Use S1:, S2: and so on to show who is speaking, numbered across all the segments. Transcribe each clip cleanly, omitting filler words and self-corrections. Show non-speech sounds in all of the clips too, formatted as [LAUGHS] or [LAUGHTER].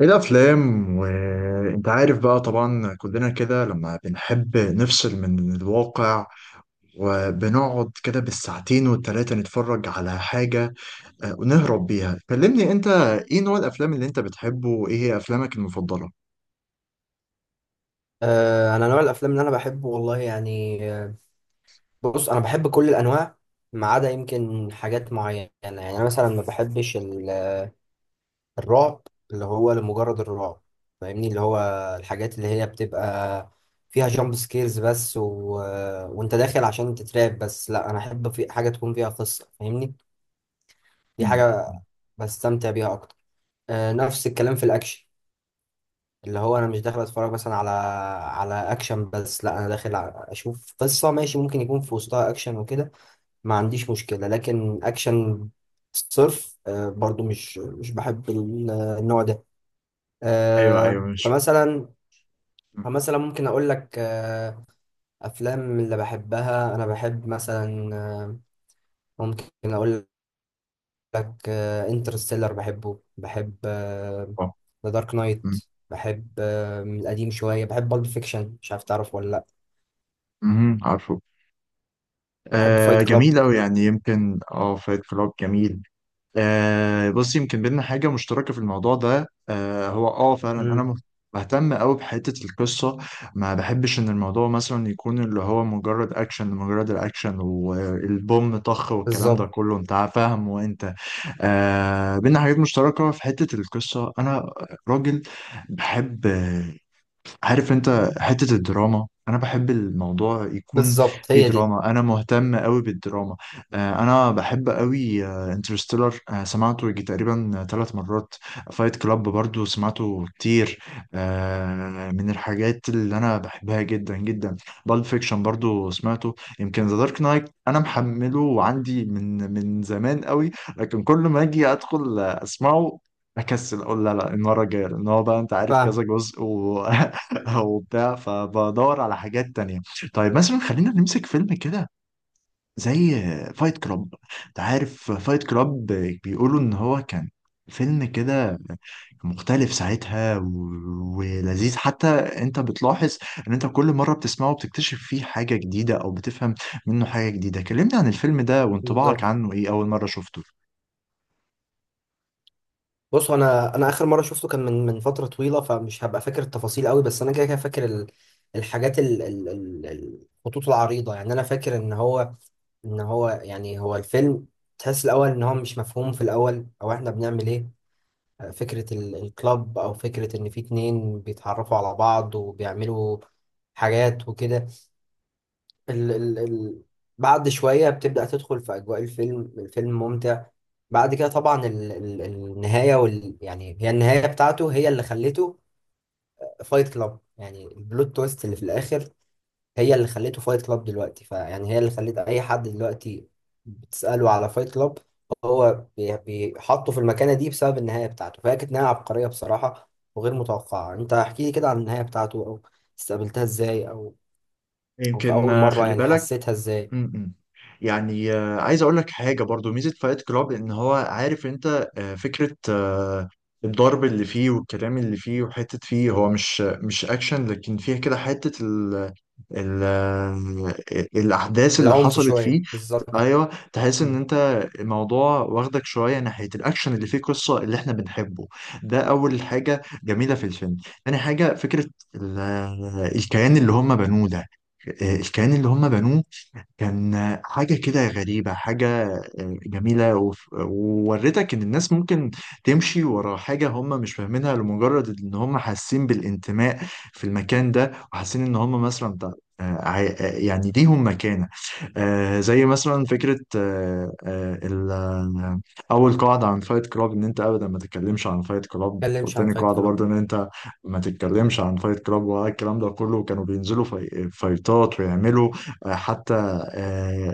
S1: ايه الافلام وانت عارف بقى طبعا كلنا كده لما بنحب نفصل من الواقع، وبنقعد كده بالساعتين والتلاتة نتفرج على حاجة، ونهرب بيها. كلمني انت، ايه نوع الافلام اللي انت بتحبه وايه هي افلامك المفضلة؟
S2: انا نوع الافلام اللي انا بحبه، والله يعني. بص، انا بحب كل الانواع، ما عدا يمكن حاجات معينه. يعني انا مثلا ما بحبش الرعب، اللي هو لمجرد الرعب. فاهمني؟ اللي هو الحاجات اللي هي بتبقى فيها جامب سكيرز بس، وانت داخل عشان تترعب بس. لا، انا احب في حاجه تكون فيها قصه، فاهمني؟ دي
S1: مم.
S2: حاجه بستمتع بيها اكتر. نفس الكلام في الاكشن، اللي هو انا مش داخل اتفرج مثلا على اكشن بس. لا، انا داخل اشوف قصه، ماشي؟ ممكن يكون في وسطها اكشن وكده، ما عنديش مشكله. لكن اكشن صرف، برضو مش بحب النوع ده.
S1: ايوه ايوه، مش
S2: فمثلا، ممكن اقول لك، افلام اللي بحبها، انا بحب مثلا، ممكن اقول لك انترستيلر، بحبه. بحب
S1: اه.
S2: ذا دارك نايت.
S1: مم.
S2: بحب من القديم شويه، بحب بالب فيكشن، مش عارف تعرف ولا لا.
S1: مهم، عارفه.
S2: بحب
S1: آه
S2: فايت كلاب.
S1: جميل أوي، يعني يمكن اه فايت كلاب جميل. آه بص، يمكن بينا حاجة مشتركة في الموضوع ده، آه هو اه فعلا انا
S2: امم.
S1: بهتم قوي بحتة القصة. ما بحبش ان الموضوع مثلا يكون اللي هو مجرد اكشن لمجرد الاكشن والبوم طخ والكلام ده
S2: بالظبط.
S1: كله، انت فاهم. وانت بينا حاجات مشتركة في حتة القصة. انا راجل بحب، عارف انت، حتة الدراما. انا بحب الموضوع يكون
S2: بالظبط،
S1: فيه
S2: هي دي.
S1: دراما، انا مهتم قوي بالدراما. انا بحب قوي انترستيلر، سمعته يجي تقريبا 3 مرات. فايت كلاب برضو سمعته كتير، من الحاجات اللي انا بحبها جدا جدا. بالب فيكشن برضو سمعته، يمكن ذا دارك نايت انا محمله وعندي من زمان قوي، لكن كل ما اجي ادخل اسمعه اكسل اقول لا لا، المره الجايه، لان هو بقى انت عارف كذا
S2: فاهم.
S1: جزء و [LAUGHS] او بتاع، فبدور على حاجات تانية. طيب مثلا خلينا نمسك فيلم كده زي فايت كلاب. انت عارف فايت كلاب؟ بيقولوا ان هو كان فيلم كده مختلف ساعتها ولذيذ. حتى انت بتلاحظ ان انت كل مرة بتسمعه بتكتشف فيه حاجة جديدة او بتفهم منه حاجة جديدة. كلمني عن الفيلم ده وانطباعك
S2: بالظبط.
S1: عنه ايه اول مرة شفته.
S2: بص، انا اخر مره شفته كان من فتره طويله، فمش هبقى فاكر التفاصيل قوي، بس انا كده كده فاكر الحاجات، ال- الخطوط العريضه. يعني انا فاكر ان هو، يعني هو الفيلم تحس الاول ان هو مش مفهوم، في الاول او احنا بنعمل ايه. فكره الكلاب، او فكره ان في اتنين بيتعرفوا على بعض وبيعملوا حاجات وكده. ال ال ال بعد شوية بتبدأ تدخل في أجواء الفيلم. الفيلم ممتع. بعد كده طبعا ال ال النهاية، يعني هي النهاية بتاعته هي اللي خلته فايت كلاب. يعني البلوت تويست اللي في الآخر هي اللي خلته فايت كلاب دلوقتي. فيعني هي اللي خلت أي حد دلوقتي بتسأله على فايت كلاب، هو بيحطه في المكانة دي بسبب النهاية بتاعته. فهي كانت نهاية عبقرية بصراحة وغير متوقعة. أنت احكي لي كده عن النهاية بتاعته، أو استقبلتها إزاي، أو في
S1: يمكن
S2: أول مرة
S1: خلي
S2: يعني
S1: بالك.
S2: حسيتها إزاي.
S1: م-م. يعني عايز اقول لك حاجه برضو، ميزه فايت كلاب ان هو، عارف انت، فكره، الضرب اللي فيه والكلام اللي فيه وحته فيه، هو مش اكشن لكن فيها كده حته ال الاحداث اللي
S2: العنف
S1: حصلت
S2: شوية،
S1: فيه.
S2: بالظبط.
S1: ايوه تحس ان
S2: مم.
S1: انت، الموضوع واخدك شويه ناحيه الاكشن اللي فيه قصه اللي احنا بنحبه، ده اول حاجه جميله في الفيلم. تاني حاجه، فكره الكيان اللي هم بنوه ده، الكيان اللي هم بنوه كان حاجة كده غريبة، حاجة جميلة. وورتك إن الناس ممكن تمشي ورا حاجة هم مش فاهمينها لمجرد إن هم حاسين بالانتماء في المكان ده، وحاسين إن هم مثلا بتاع يعني ليهم مكانة. زي مثلا فكرة أول قاعدة عن فايت كلاب إن أنت أبدا ما تتكلمش عن فايت كلاب،
S2: متكلمش عن
S1: وتاني
S2: فايت
S1: قاعدة
S2: كلاب.
S1: برضه إن أنت ما تتكلمش عن فايت كلاب، والكلام ده كله. كانوا بينزلوا فايتات ويعملوا حتى آه،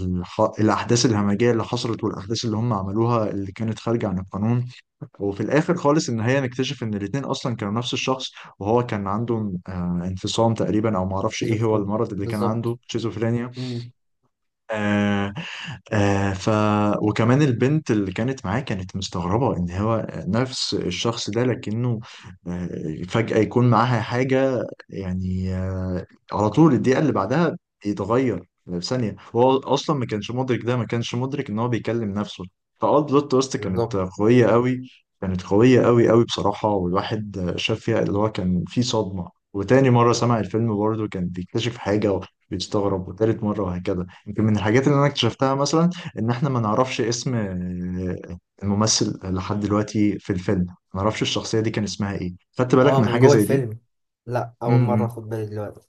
S1: الأحداث الهمجية اللي حصلت، والأحداث اللي هم عملوها اللي كانت خارجة عن القانون. وفي الآخر خالص إن هي نكتشف إن الاتنين أصلا كانوا نفس الشخص، وهو كان عنده انفصام تقريبا، أو معرفش إيه هو
S2: سكيزوفرينيا.
S1: المرض اللي كان
S2: بالظبط.
S1: عنده، شيزوفرينيا.
S2: مم.
S1: آه آه ف وكمان البنت اللي كانت معاه كانت مستغربة ان هو نفس الشخص ده، لكنه آه فجأة يكون معاها حاجة، يعني على طول الدقيقة اللي بعدها يتغير في ثانية. هو اصلا ما كانش مدرك ده، ما كانش مدرك ان هو بيكلم نفسه. فاه، بلوت تويست كانت
S2: بالظبط.
S1: قوية قوي، كانت قوية قوي قوي بصراحة. والواحد شاف فيها اللي هو كان فيه صدمة. وتاني مرة سمع الفيلم برضه كان بيكتشف حاجة وبيستغرب، وتالت مرة وهكذا. يمكن من الحاجات اللي انا اكتشفتها مثلا ان احنا ما نعرفش اسم الممثل لحد دلوقتي في الفيلم. ما نعرفش الشخصية دي كان اسمها ايه. خدت بالك
S2: اه،
S1: من
S2: من
S1: حاجة
S2: جوه
S1: زي دي؟
S2: الفيلم. لا، أول مرة
S1: امم
S2: أخد بالي دلوقتي.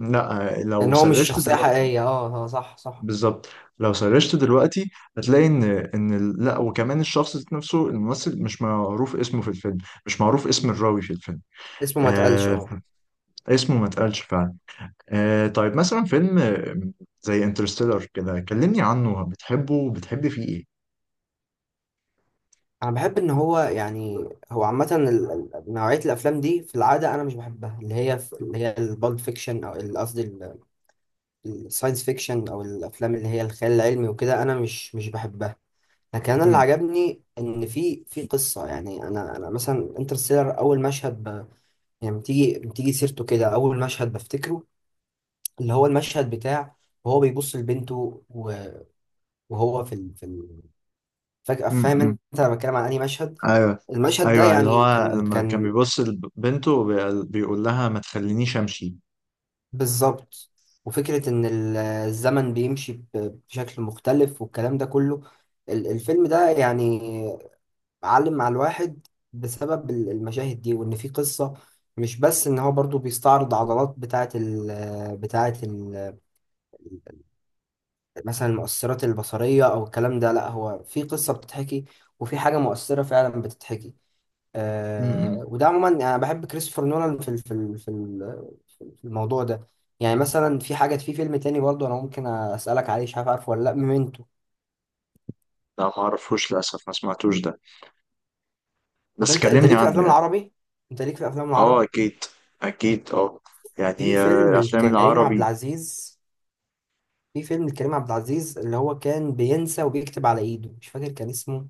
S1: لا
S2: لأن
S1: لو
S2: هو مش
S1: سرشت
S2: شخصية
S1: دلوقتي،
S2: حقيقية، اه اه، صح صح.
S1: بالظبط. لو سرشت دلوقتي هتلاقي ان لا، وكمان الشخص ذات نفسه الممثل مش معروف اسمه في الفيلم، مش معروف اسم
S2: مم.
S1: الراوي في الفيلم.
S2: اسمه ما اتقالش،
S1: آه،
S2: اه.
S1: اسمه ما اتقالش فعلا. آه طيب مثلا فيلم زي انترستيلر كده، كلمني عنه بتحبه، بتحب فيه
S2: أنا بحب إن هو، يعني هو عامة نوعية الأفلام دي في العادة أنا مش بحبها، اللي هي البالد فيكشن، أو قصدي الساينس فيكشن، أو الأفلام اللي هي الخيال العلمي وكده، أنا مش بحبها. لكن انا اللي
S1: ايه؟
S2: عجبني ان في قصه. يعني انا، مثلا انترستيلر، اول مشهد يعني بتيجي، سيرته كده، اول مشهد بفتكره، اللي هو المشهد بتاع وهو بيبص لبنته و- وهو فجاه. فاهم انت،
S1: امم،
S2: انا بتكلم عن انهي مشهد؟
S1: ايوه
S2: المشهد ده
S1: ايوه، اللي
S2: يعني
S1: هو
S2: كان
S1: لما كان
S2: كان.
S1: بيبص لبنته بيقول لها ما تخلينيش امشي.
S2: بالظبط. وفكره ان الزمن بيمشي بشكل مختلف والكلام ده كله. الفيلم ده يعني معلم مع الواحد بسبب المشاهد دي، وان في قصة. مش بس ان هو برضو بيستعرض عضلات بتاعة ال بتاعة ال مثلا المؤثرات البصرية او الكلام ده. لا، هو في قصة بتتحكي، وفي حاجة مؤثرة فعلا بتتحكي.
S1: امم
S2: وده عموما، يعني انا بحب كريستوفر نولان في الموضوع ده. يعني مثلا في حاجة، في فيلم تاني برضو انا ممكن اسألك عليه، مش عارف عارفه ولا لا، ميمنتو.
S1: لا ما اعرفوش للاسف، ما سمعتوش ده،
S2: طب
S1: بس
S2: انت
S1: كلمني
S2: ليك في
S1: عنه
S2: الافلام
S1: يعني.
S2: العربي؟ انت ليك في الافلام
S1: اه
S2: العربي
S1: اكيد، اكيد اه.
S2: في
S1: يعني
S2: فيلم
S1: الافلام
S2: لكريم عبد
S1: العربي
S2: العزيز. اللي هو كان بينسى وبيكتب على ايده، مش فاكر كان اسمه.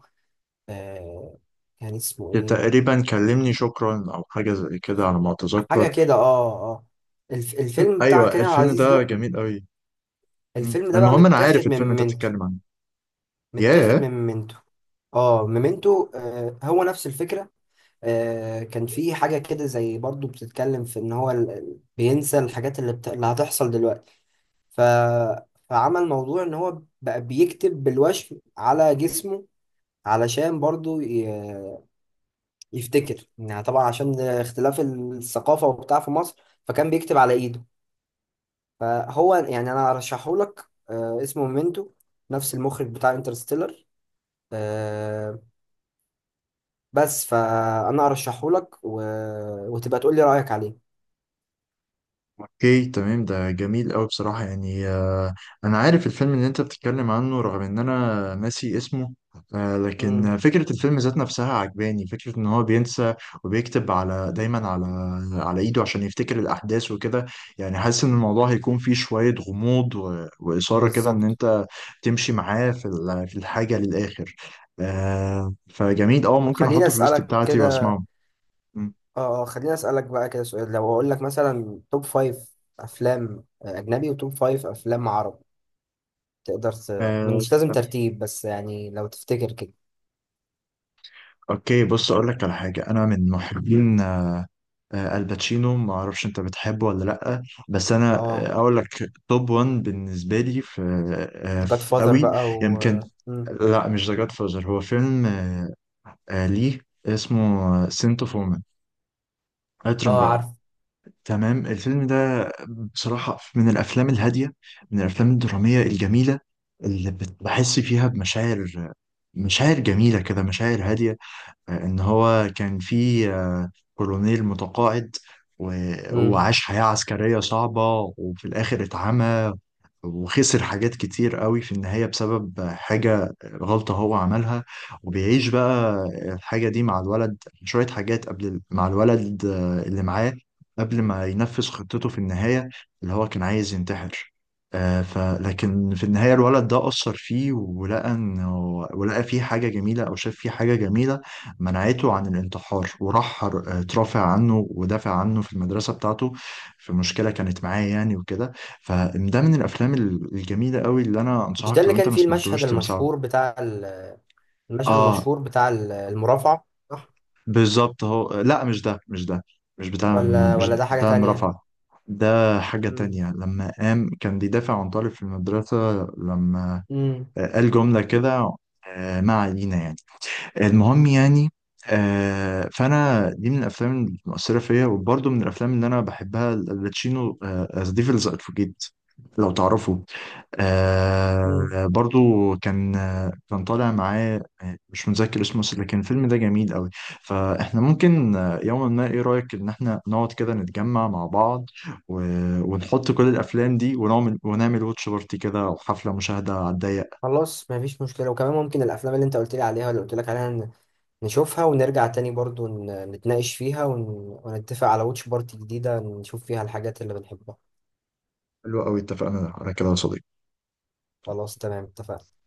S2: آه كان اسمه ايه؟
S1: تقريبا، كلمني شكرا او حاجه زي كده على ما
S2: حاجه
S1: اتذكر.
S2: كده، اه اه. الفيلم بتاع
S1: ايوه
S2: كريم عبد
S1: الفيلم
S2: العزيز
S1: ده
S2: ده،
S1: جميل قوي. مم.
S2: الفيلم ده بقى
S1: المهم انا
S2: متاخد
S1: عارف
S2: من
S1: الفيلم انت
S2: ميمنتو.
S1: بتتكلم عنه.
S2: متاخد
S1: ياه.
S2: من ميمنتو اه، ميمنتو. هو نفس الفكره. كان في حاجه كده زي، برضو بتتكلم في ان هو بينسى الحاجات، اللي هتحصل دلوقتي. ف... فعمل موضوع ان هو بقى بيكتب بالوشم على جسمه علشان برضو يفتكر. يعني طبعا عشان اختلاف الثقافة وبتاع في مصر، فكان بيكتب على ايده. فهو يعني انا ارشحه لك، اسمه ميمنتو، نفس المخرج بتاع انترستيلر. آه، بس فانا ارشحه لك، وتبقى تقول لي رأيك عليه.
S1: اوكي تمام، ده جميل قوي بصراحة يعني. انا عارف الفيلم اللي انت بتتكلم عنه رغم ان انا ناسي اسمه. لكن
S2: امم.
S1: فكرة الفيلم ذات نفسها عجباني، فكرة ان هو بينسى وبيكتب دايما على ايده عشان يفتكر الاحداث وكده. يعني حاسس ان الموضوع هيكون فيه شوية غموض وإثارة كده، ان
S2: بالظبط.
S1: انت تمشي معاه في في الحاجة للآخر. فجميل اه،
S2: طب
S1: ممكن
S2: خليني
S1: احطه في الليست
S2: اسألك
S1: بتاعتي
S2: كده.
S1: واسمعه.
S2: خليني اسألك بقى كده سؤال، لو اقول لك مثلا، توب فايف افلام اجنبي وتوب فايف افلام عربي، تقدر
S1: م.
S2: مش لازم ترتيب، بس يعني لو تفتكر كده.
S1: اوكي بص، اقول لك على حاجه، انا من محبين الباتشينو، ما اعرفش انت بتحبه ولا لا، بس انا
S2: اه،
S1: اقول لك توب 1 بالنسبه لي، في, آه، آه،
S2: جاد
S1: في
S2: فاذر
S1: قوي
S2: بقى،
S1: يمكن.
S2: مم.
S1: لا مش ذا جاد فازر، هو فيلم ليه، اسمه سنت اوف وومن، عطر
S2: اه،
S1: امراه.
S2: عارف.
S1: تمام. الفيلم ده بصراحه من الافلام الهاديه، من الافلام الدراميه الجميله، اللي بحس فيها بمشاعر، مشاعر جميله كده، مشاعر هاديه. ان هو كان في كولونيل متقاعد و-
S2: مم.
S1: وعاش حياة عسكرية صعبة، وفي الآخر اتعمى وخسر حاجات كتير قوي في النهاية بسبب حاجة، غلطة هو عملها. وبيعيش بقى الحاجة دي مع الولد، شوية حاجات قبل مع الولد اللي معاه قبل ما ينفذ خطته في النهاية، اللي هو كان عايز ينتحر. آه، ف لكن في النهاية الولد ده أثر فيه، ولقى فيه حاجة جميلة، أو شاف فيه حاجة جميلة منعته عن الانتحار. وراح ترافع عنه ودافع عنه في المدرسة بتاعته، في مشكلة كانت معاه يعني وكده. فده من الافلام الجميله قوي اللي انا
S2: مش ده
S1: انصحك،
S2: اللي
S1: لو انت
S2: كان
S1: ما
S2: فيه المشهد
S1: سمعتوش تمسحه.
S2: المشهور المشهد
S1: اه
S2: المشهور بتاع المرافعة، صح؟
S1: بالظبط. هو لا، مش ده مش ده، مش بتاع
S2: ولا
S1: مش
S2: ولا ده حاجة
S1: بتاع
S2: تانية.
S1: مرافعة، ده حاجة
S2: مم.
S1: تانية. لما قام كان بيدافع عن طالب في المدرسة، لما
S2: مم.
S1: قال جملة كده، ما علينا يعني، المهم يعني. فأنا دي من الأفلام المؤثرة فيا، وبرضه من الأفلام اللي أنا بحبها الباتشينو ذا ديفلز أدفوكيت لو تعرفوا.
S2: مم.
S1: آه برضو كان كان طالع معاه مش متذكر اسمه، بس لكن الفيلم ده جميل قوي. فاحنا ممكن يوما ما، ايه رأيك ان احنا نقعد كده نتجمع مع بعض و... ونحط كل الافلام دي ونعمل، واتش بارتي كده، او حفلة مشاهدة على الضيق.
S2: خلاص، مفيش مشكلة. وكمان ممكن الأفلام اللي أنت قلت لي عليها، اللي قلت لك عليها، نشوفها ونرجع تاني، برضو نتناقش فيها، ونتفق على واتش بارتي جديدة نشوف فيها الحاجات اللي بنحبها.
S1: حلو قوي، اتفقنا على كده يا صديقي.
S2: خلاص، تمام، اتفقنا.